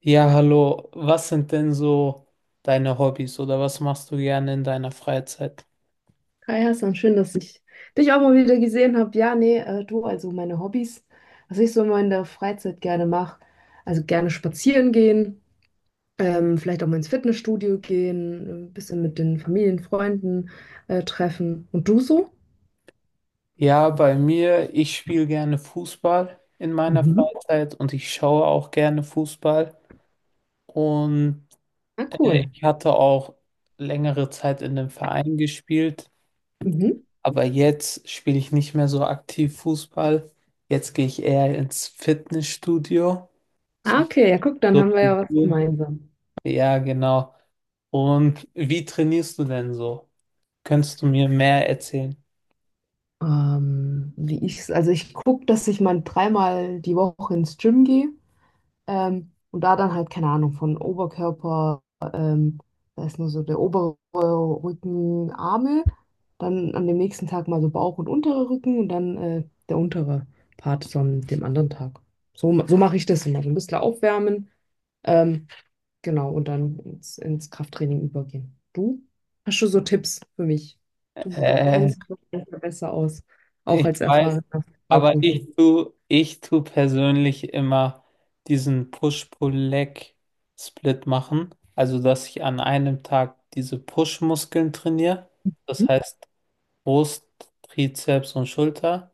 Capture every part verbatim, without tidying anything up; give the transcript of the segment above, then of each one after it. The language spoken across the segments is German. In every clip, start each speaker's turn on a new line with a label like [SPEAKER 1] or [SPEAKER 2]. [SPEAKER 1] Ja, hallo. Was sind denn so deine Hobbys oder was machst du gerne in deiner Freizeit?
[SPEAKER 2] Hi Hassan, schön, dass ich dich auch mal wieder gesehen habe. Ja, nee, äh, du, also meine Hobbys, was ich so immer in der Freizeit gerne mache, also gerne spazieren gehen, ähm, vielleicht auch mal ins Fitnessstudio gehen, ein bisschen mit den Familien, Freunden äh, treffen. Und du so?
[SPEAKER 1] Ja, bei mir, ich spiele gerne Fußball in meiner
[SPEAKER 2] Mhm.
[SPEAKER 1] Freizeit und ich schaue auch gerne Fußball. Und
[SPEAKER 2] Ah,
[SPEAKER 1] äh,
[SPEAKER 2] cool.
[SPEAKER 1] ich hatte auch längere Zeit in einem Verein gespielt,
[SPEAKER 2] Mhm.
[SPEAKER 1] aber jetzt spiele ich nicht mehr so aktiv Fußball. Jetzt gehe ich eher ins Fitnessstudio.
[SPEAKER 2] Ah,
[SPEAKER 1] So,
[SPEAKER 2] okay, ja, guck, dann
[SPEAKER 1] so
[SPEAKER 2] haben wir
[SPEAKER 1] wie
[SPEAKER 2] ja was
[SPEAKER 1] du.
[SPEAKER 2] gemeinsam.
[SPEAKER 1] Ja, genau. Und wie trainierst du denn so? Könntest du mir mehr erzählen?
[SPEAKER 2] Ähm, wie ich, also ich gucke, dass ich mal dreimal die Woche ins Gym gehe. Ähm, und da dann halt, keine Ahnung, von Oberkörper, ähm, da ist nur so der obere Rücken, Arme, dann an dem nächsten Tag mal so Bauch und unterer Rücken und dann äh, der untere Part so an dem anderen Tag. So, ma- so mache ich das immer. So ein bisschen aufwärmen, ähm, genau, und dann ins, ins Krafttraining übergehen. Du? Hast du so Tipps für mich? Du, du
[SPEAKER 1] Äh,
[SPEAKER 2] kennst dich doch besser besser aus, auch
[SPEAKER 1] Ich
[SPEAKER 2] als
[SPEAKER 1] weiß,
[SPEAKER 2] erfahrener
[SPEAKER 1] aber
[SPEAKER 2] Fußballprofi.
[SPEAKER 1] ich tu, ich tu persönlich immer diesen Push-Pull-Leg-Split machen. Also, dass ich an einem Tag diese Push-Muskeln trainiere. Das
[SPEAKER 2] Hm?
[SPEAKER 1] heißt Brust, Trizeps und Schulter.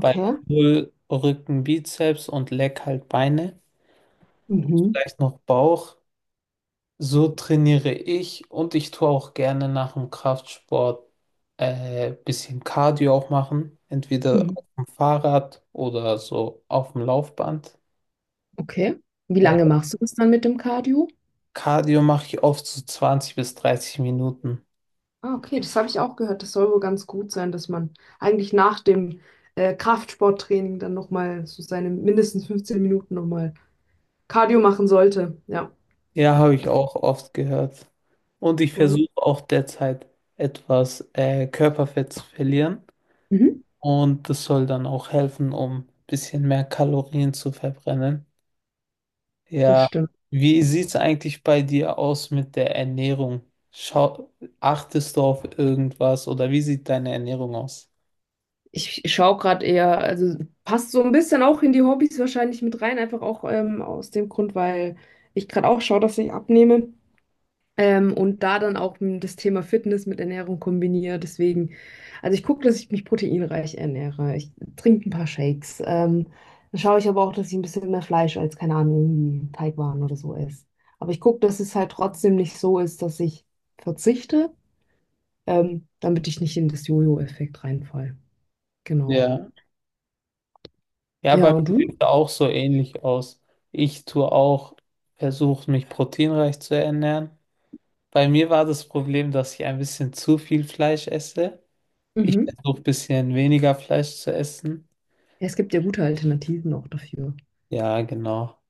[SPEAKER 1] Bei Pull Rücken, Bizeps und Leg halt Beine.
[SPEAKER 2] Mhm.
[SPEAKER 1] Vielleicht noch Bauch. So trainiere ich und ich tue auch gerne nach dem Kraftsport äh, bisschen Cardio auch machen, entweder
[SPEAKER 2] Mhm.
[SPEAKER 1] auf dem Fahrrad oder so auf dem Laufband.
[SPEAKER 2] Okay. Wie
[SPEAKER 1] Äh,
[SPEAKER 2] lange machst du das dann mit dem Cardio?
[SPEAKER 1] Cardio mache ich oft so zwanzig bis dreißig Minuten.
[SPEAKER 2] Ah, okay, das habe ich auch gehört. Das soll wohl ganz gut sein, dass man eigentlich nach dem äh, Kraftsporttraining dann nochmal so seine mindestens fünfzehn Minuten nochmal Cardio machen sollte. Ja,
[SPEAKER 1] Ja, habe ich auch oft gehört. Und ich
[SPEAKER 2] cool.
[SPEAKER 1] versuche auch derzeit etwas äh, Körperfett zu verlieren
[SPEAKER 2] Mhm.
[SPEAKER 1] und das soll dann auch helfen, um ein bisschen mehr Kalorien zu verbrennen.
[SPEAKER 2] Das
[SPEAKER 1] Ja,
[SPEAKER 2] stimmt.
[SPEAKER 1] wie sieht es eigentlich bei dir aus mit der Ernährung? Schau, achtest du auf irgendwas oder wie sieht deine Ernährung aus?
[SPEAKER 2] Ich schaue gerade eher, also passt so ein bisschen auch in die Hobbys wahrscheinlich mit rein, einfach auch ähm, aus dem Grund, weil ich gerade auch schaue, dass ich abnehme. Ähm, und da dann auch m, das Thema Fitness mit Ernährung kombiniere. Deswegen, also ich gucke, dass ich mich proteinreich ernähre. Ich trinke ein paar Shakes. Ähm, dann schaue ich aber auch, dass ich ein bisschen mehr Fleisch als, keine Ahnung, irgendwie Teigwaren oder so esse. Aber ich gucke, dass es halt trotzdem nicht so ist, dass ich verzichte, ähm, damit ich nicht in das Jojo-Effekt reinfall. Genau.
[SPEAKER 1] Ja, ja,
[SPEAKER 2] Ja,
[SPEAKER 1] bei
[SPEAKER 2] und
[SPEAKER 1] mir sieht
[SPEAKER 2] du?
[SPEAKER 1] es auch so ähnlich aus. Ich tue auch, versuche mich proteinreich zu ernähren. Bei mir war das Problem, dass ich ein bisschen zu viel Fleisch esse. Ich
[SPEAKER 2] Mhm.
[SPEAKER 1] versuche ein bisschen weniger Fleisch zu essen.
[SPEAKER 2] Ja, es gibt ja gute Alternativen auch dafür.
[SPEAKER 1] Ja, genau.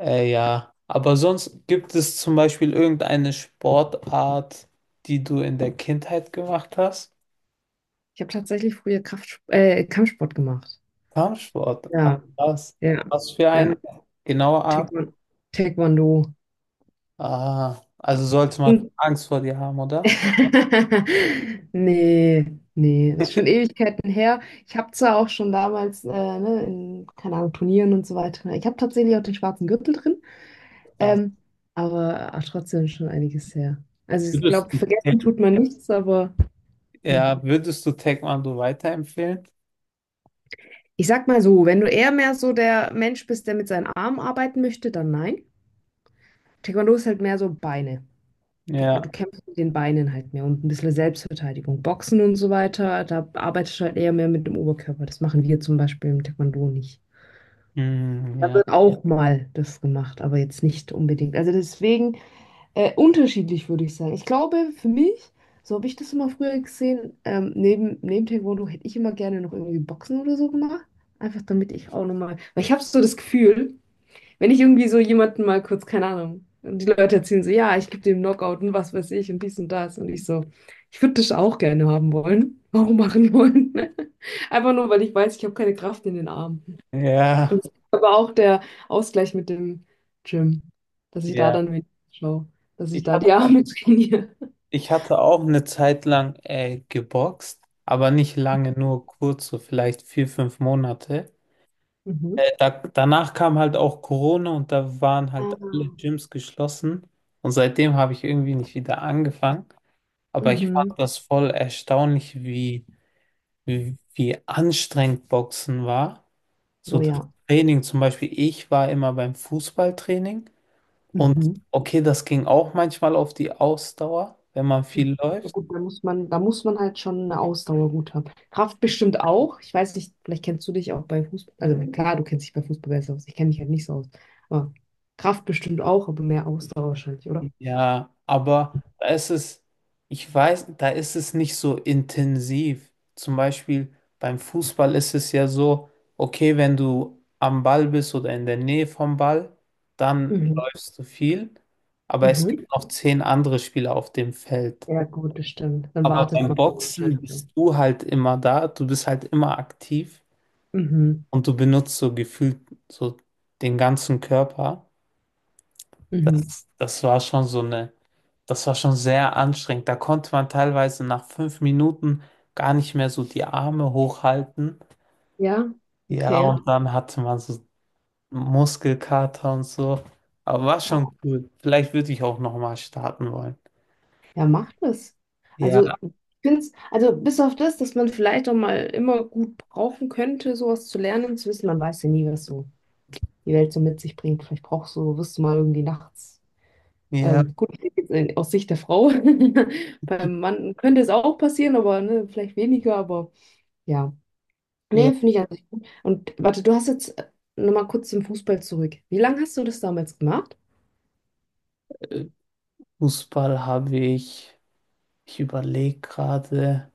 [SPEAKER 1] Äh, ja, aber sonst gibt es zum Beispiel irgendeine Sportart, die du in der Kindheit gemacht hast?
[SPEAKER 2] Ich habe tatsächlich früher Kraft, äh, Kampfsport gemacht.
[SPEAKER 1] Kampfsport. Ach,
[SPEAKER 2] Ja,
[SPEAKER 1] was?
[SPEAKER 2] ja,
[SPEAKER 1] Was für eine
[SPEAKER 2] ja.
[SPEAKER 1] genaue Art?
[SPEAKER 2] Taekwon- Taekwondo.
[SPEAKER 1] Ah, also sollte man Angst vor dir haben, oder?
[SPEAKER 2] Nee, nee, das ist schon Ewigkeiten her. Ich habe zwar auch schon damals, äh, ne, in, keine Ahnung, Turnieren und so weiter. Ich habe tatsächlich auch den schwarzen Gürtel drin,
[SPEAKER 1] Da-
[SPEAKER 2] ähm, aber auch trotzdem schon einiges her. Also ich
[SPEAKER 1] Würdest
[SPEAKER 2] glaube,
[SPEAKER 1] du,
[SPEAKER 2] vergessen tut man nichts, aber hm.
[SPEAKER 1] ja, würdest du Taekwondo weiterempfehlen?
[SPEAKER 2] Ich sag mal so, wenn du eher mehr so der Mensch bist, der mit seinen Armen arbeiten möchte, dann nein. Taekwondo ist halt mehr so Beine. Du, gut,
[SPEAKER 1] Ja,
[SPEAKER 2] du kämpfst mit den Beinen halt mehr und ein bisschen Selbstverteidigung. Boxen und so weiter, da arbeitest du halt eher mehr mit dem Oberkörper. Das machen wir zum Beispiel im Taekwondo nicht.
[SPEAKER 1] mm,
[SPEAKER 2] Da
[SPEAKER 1] ja,
[SPEAKER 2] wird auch mal das gemacht, aber jetzt nicht unbedingt. Also deswegen äh, unterschiedlich würde ich sagen. Ich glaube, für mich, so habe ich das immer früher gesehen, ähm, neben, neben Taekwondo hätte ich immer gerne noch irgendwie Boxen oder so gemacht. Einfach damit ich auch nochmal, weil ich habe so das Gefühl, wenn ich irgendwie so jemanden mal kurz, keine Ahnung, und die Leute erzählen so, ja, ich gebe dem Knockout und was weiß ich und dies und das. Und ich so, ich würde das auch gerne haben wollen. Auch machen wollen. Einfach nur, weil ich weiß, ich habe keine Kraft in den Armen.
[SPEAKER 1] ja,
[SPEAKER 2] Und das ist aber auch der Ausgleich mit dem Gym, dass ich da
[SPEAKER 1] ja.
[SPEAKER 2] dann wenigstens schaue, dass ich
[SPEAKER 1] Ich
[SPEAKER 2] da
[SPEAKER 1] hatte,
[SPEAKER 2] die Arme trainiere.
[SPEAKER 1] ich hatte auch eine Zeit lang äh, geboxt, aber nicht lange, nur kurz, so vielleicht vier, fünf Monate.
[SPEAKER 2] Mhm.
[SPEAKER 1] Äh, Da, danach kam halt auch Corona und da waren halt alle
[SPEAKER 2] Ah.
[SPEAKER 1] Gyms geschlossen. Und seitdem habe ich irgendwie nicht wieder angefangen. Aber ich fand
[SPEAKER 2] Mhm.
[SPEAKER 1] das voll erstaunlich, wie, wie, wie anstrengend Boxen war. So
[SPEAKER 2] Oh
[SPEAKER 1] das
[SPEAKER 2] ja.
[SPEAKER 1] Training zum Beispiel, ich war immer beim Fußballtraining und
[SPEAKER 2] Mhm.
[SPEAKER 1] okay, das ging auch manchmal auf die Ausdauer, wenn man viel
[SPEAKER 2] Ja
[SPEAKER 1] läuft.
[SPEAKER 2] gut, da muss man, da muss man halt schon eine Ausdauer gut haben. Kraft bestimmt auch. Ich weiß nicht, vielleicht kennst du dich auch bei Fußball. Also klar, du kennst dich bei Fußball besser aus. Ich kenne mich halt nicht so aus. Aber Kraft bestimmt auch, aber mehr Ausdauer wahrscheinlich, oder?
[SPEAKER 1] Ja, aber da ist es, ich weiß, da ist es nicht so intensiv. Zum Beispiel beim Fußball ist es ja so, okay, wenn du am Ball bist oder in der Nähe vom Ball, dann
[SPEAKER 2] Mhm.
[SPEAKER 1] läufst du viel, aber es
[SPEAKER 2] Mhm.
[SPEAKER 1] gibt noch zehn andere Spieler auf dem Feld.
[SPEAKER 2] Ja gut, das stimmt. Dann
[SPEAKER 1] Aber
[SPEAKER 2] wartet
[SPEAKER 1] beim
[SPEAKER 2] man dann
[SPEAKER 1] Boxen
[SPEAKER 2] wahrscheinlich auch.
[SPEAKER 1] bist du halt immer da, du bist halt immer aktiv
[SPEAKER 2] Mhm.
[SPEAKER 1] und du benutzt so gefühlt so den ganzen Körper.
[SPEAKER 2] Mhm.
[SPEAKER 1] Das, das war schon so eine, das war schon sehr anstrengend. Da konnte man teilweise nach fünf Minuten gar nicht mehr so die Arme hochhalten.
[SPEAKER 2] Ja,
[SPEAKER 1] Ja, ja.
[SPEAKER 2] okay.
[SPEAKER 1] Und dann hatte man so Muskelkater und so. Aber war schon cool. Vielleicht würde ich auch nochmal starten wollen.
[SPEAKER 2] Ja, macht es.
[SPEAKER 1] Ja,
[SPEAKER 2] Also, ich find's, also bis auf das, dass man vielleicht auch mal immer gut brauchen könnte, sowas zu lernen, zu wissen, man weiß ja nie, was so die Welt so mit sich bringt. Vielleicht brauchst du, wirst du mal irgendwie nachts.
[SPEAKER 1] ja,
[SPEAKER 2] Ähm, gut, vielleicht jetzt in- aus Sicht der Frau. Beim Mann könnte es auch passieren, aber ne, vielleicht weniger, aber ja.
[SPEAKER 1] ja.
[SPEAKER 2] Nee, finde ich an sich gut. Und warte, du hast jetzt äh, nochmal kurz zum Fußball zurück. Wie lange hast du das damals gemacht?
[SPEAKER 1] äh, Fußball habe ich, ich überlege gerade,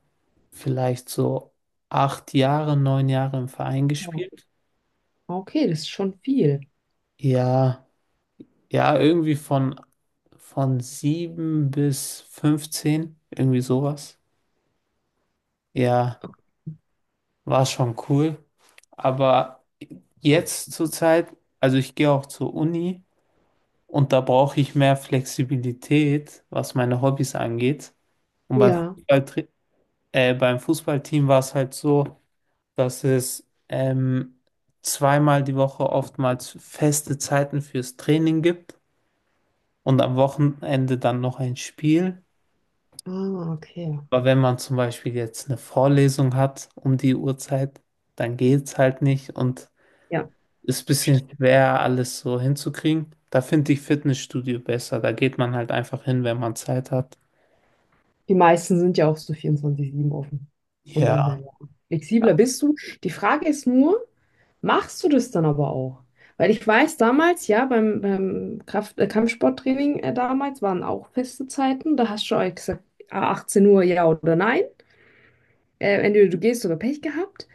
[SPEAKER 1] vielleicht so acht Jahre, neun Jahre im Verein
[SPEAKER 2] Oh,
[SPEAKER 1] gespielt.
[SPEAKER 2] okay, das ist schon viel.
[SPEAKER 1] Ja, ja, irgendwie von Von sieben bis fünfzehn irgendwie sowas. Ja, war schon cool. Aber jetzt zur Zeit, also ich gehe auch zur Uni und da brauche ich mehr Flexibilität, was meine Hobbys angeht. Und beim
[SPEAKER 2] Ja.
[SPEAKER 1] Fußballtri- äh, beim Fußballteam war es halt so, dass es ähm, zweimal die Woche oftmals feste Zeiten fürs Training gibt und am Wochenende dann noch ein Spiel.
[SPEAKER 2] Ah, okay.
[SPEAKER 1] Aber wenn man zum Beispiel jetzt eine Vorlesung hat um die Uhrzeit, dann geht's halt nicht und
[SPEAKER 2] Ja.
[SPEAKER 1] ist ein bisschen
[SPEAKER 2] Verstehe.
[SPEAKER 1] schwer, alles so hinzukriegen. Da finde ich Fitnessstudio besser. Da geht man halt einfach hin, wenn man Zeit hat.
[SPEAKER 2] Die meisten sind ja auch so vierundzwanzig sieben offen. Von dem
[SPEAKER 1] Ja,
[SPEAKER 2] her, ja. Flexibler bist du. Die Frage ist nur: Machst du das dann aber auch? Weil ich weiß damals, ja, beim, beim Kraft, äh, Kampfsporttraining äh, damals waren auch feste Zeiten. Da hast du auch gesagt, ah, achtzehn Uhr ja oder nein. Äh, entweder du gehst oder Pech gehabt.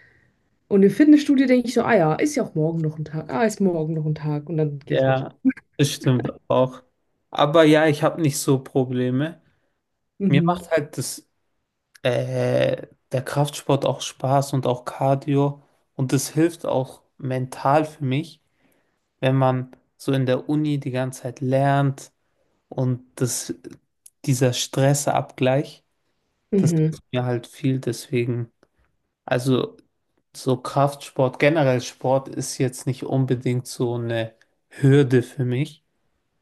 [SPEAKER 2] Und im Fitnessstudio denke ich so, ah ja, ist ja auch morgen noch ein Tag. Ah, ist morgen noch ein Tag. Und dann gehe ich nicht.
[SPEAKER 1] ja, das stimmt auch. Aber ja, ich habe nicht so Probleme. Mir macht
[SPEAKER 2] Mhm.
[SPEAKER 1] halt das, äh, der Kraftsport auch Spaß und auch Cardio. Und das hilft auch mental für mich, wenn man so in der Uni die ganze Zeit lernt. Und das, Dieser Stressabgleich, das
[SPEAKER 2] Mhm.
[SPEAKER 1] ist mir halt viel deswegen. Also so Kraftsport, generell Sport ist jetzt nicht unbedingt so eine Hürde für mich,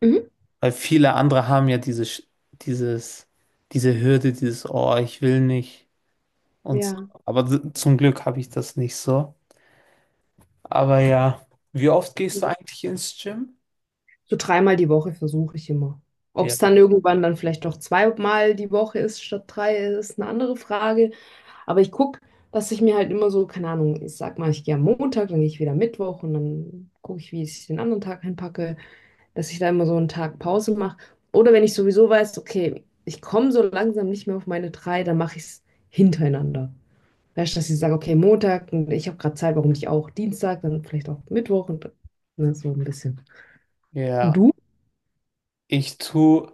[SPEAKER 2] Mhm.
[SPEAKER 1] weil viele andere haben ja diese, Sch- dieses, diese Hürde, dieses, oh, ich will nicht und so.
[SPEAKER 2] Ja.
[SPEAKER 1] Aber d- zum Glück habe ich das nicht so. Aber ja, wie oft gehst du eigentlich ins Gym?
[SPEAKER 2] So dreimal die Woche versuche ich immer. Ob
[SPEAKER 1] Ja.
[SPEAKER 2] es dann irgendwann dann vielleicht doch zweimal die Woche ist statt drei, ist eine andere Frage. Aber ich gucke, dass ich mir halt immer so, keine Ahnung, ich sag mal, ich gehe am Montag, dann gehe ich wieder Mittwoch und dann gucke ich, wie ich den anderen Tag hinpacke, dass ich da immer so einen Tag Pause mache. Oder wenn ich sowieso weiß, okay, ich komme so langsam nicht mehr auf meine drei, dann mache ich es hintereinander. Weißt du, dass ich sage, okay, Montag und ich habe gerade Zeit, warum nicht auch Dienstag, dann vielleicht auch Mittwoch und ne, so ein bisschen. Und
[SPEAKER 1] Ja,
[SPEAKER 2] du?
[SPEAKER 1] ich tue.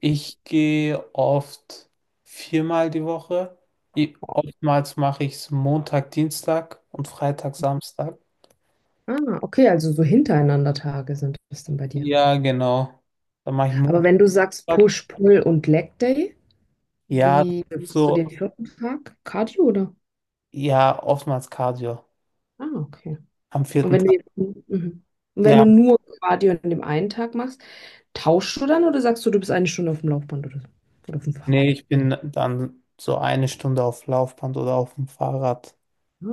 [SPEAKER 1] Ich gehe oft viermal die Woche. I- Oftmals mache ich es Montag, Dienstag und Freitag, Samstag.
[SPEAKER 2] Ah, okay, also so hintereinander Tage sind das dann bei dir.
[SPEAKER 1] Ja, genau. Dann mache ich
[SPEAKER 2] Aber
[SPEAKER 1] Montag.
[SPEAKER 2] wenn du sagst Push, Pull und Leg Day.
[SPEAKER 1] Ja,
[SPEAKER 2] Wie
[SPEAKER 1] das ist
[SPEAKER 2] machst du
[SPEAKER 1] so,
[SPEAKER 2] den vierten Tag? Cardio oder?
[SPEAKER 1] ja, oftmals Cardio.
[SPEAKER 2] Ah, okay.
[SPEAKER 1] Am
[SPEAKER 2] Und
[SPEAKER 1] vierten
[SPEAKER 2] wenn du
[SPEAKER 1] Tag.
[SPEAKER 2] jetzt, mhm. Und wenn
[SPEAKER 1] Ja,
[SPEAKER 2] du nur Cardio an dem einen Tag machst, tauschst du dann oder sagst du, du bist eine Stunde auf dem Laufband oder so? Oder auf dem
[SPEAKER 1] nee,
[SPEAKER 2] Fahrrad?
[SPEAKER 1] ich bin dann so eine Stunde auf Laufband oder auf dem Fahrrad.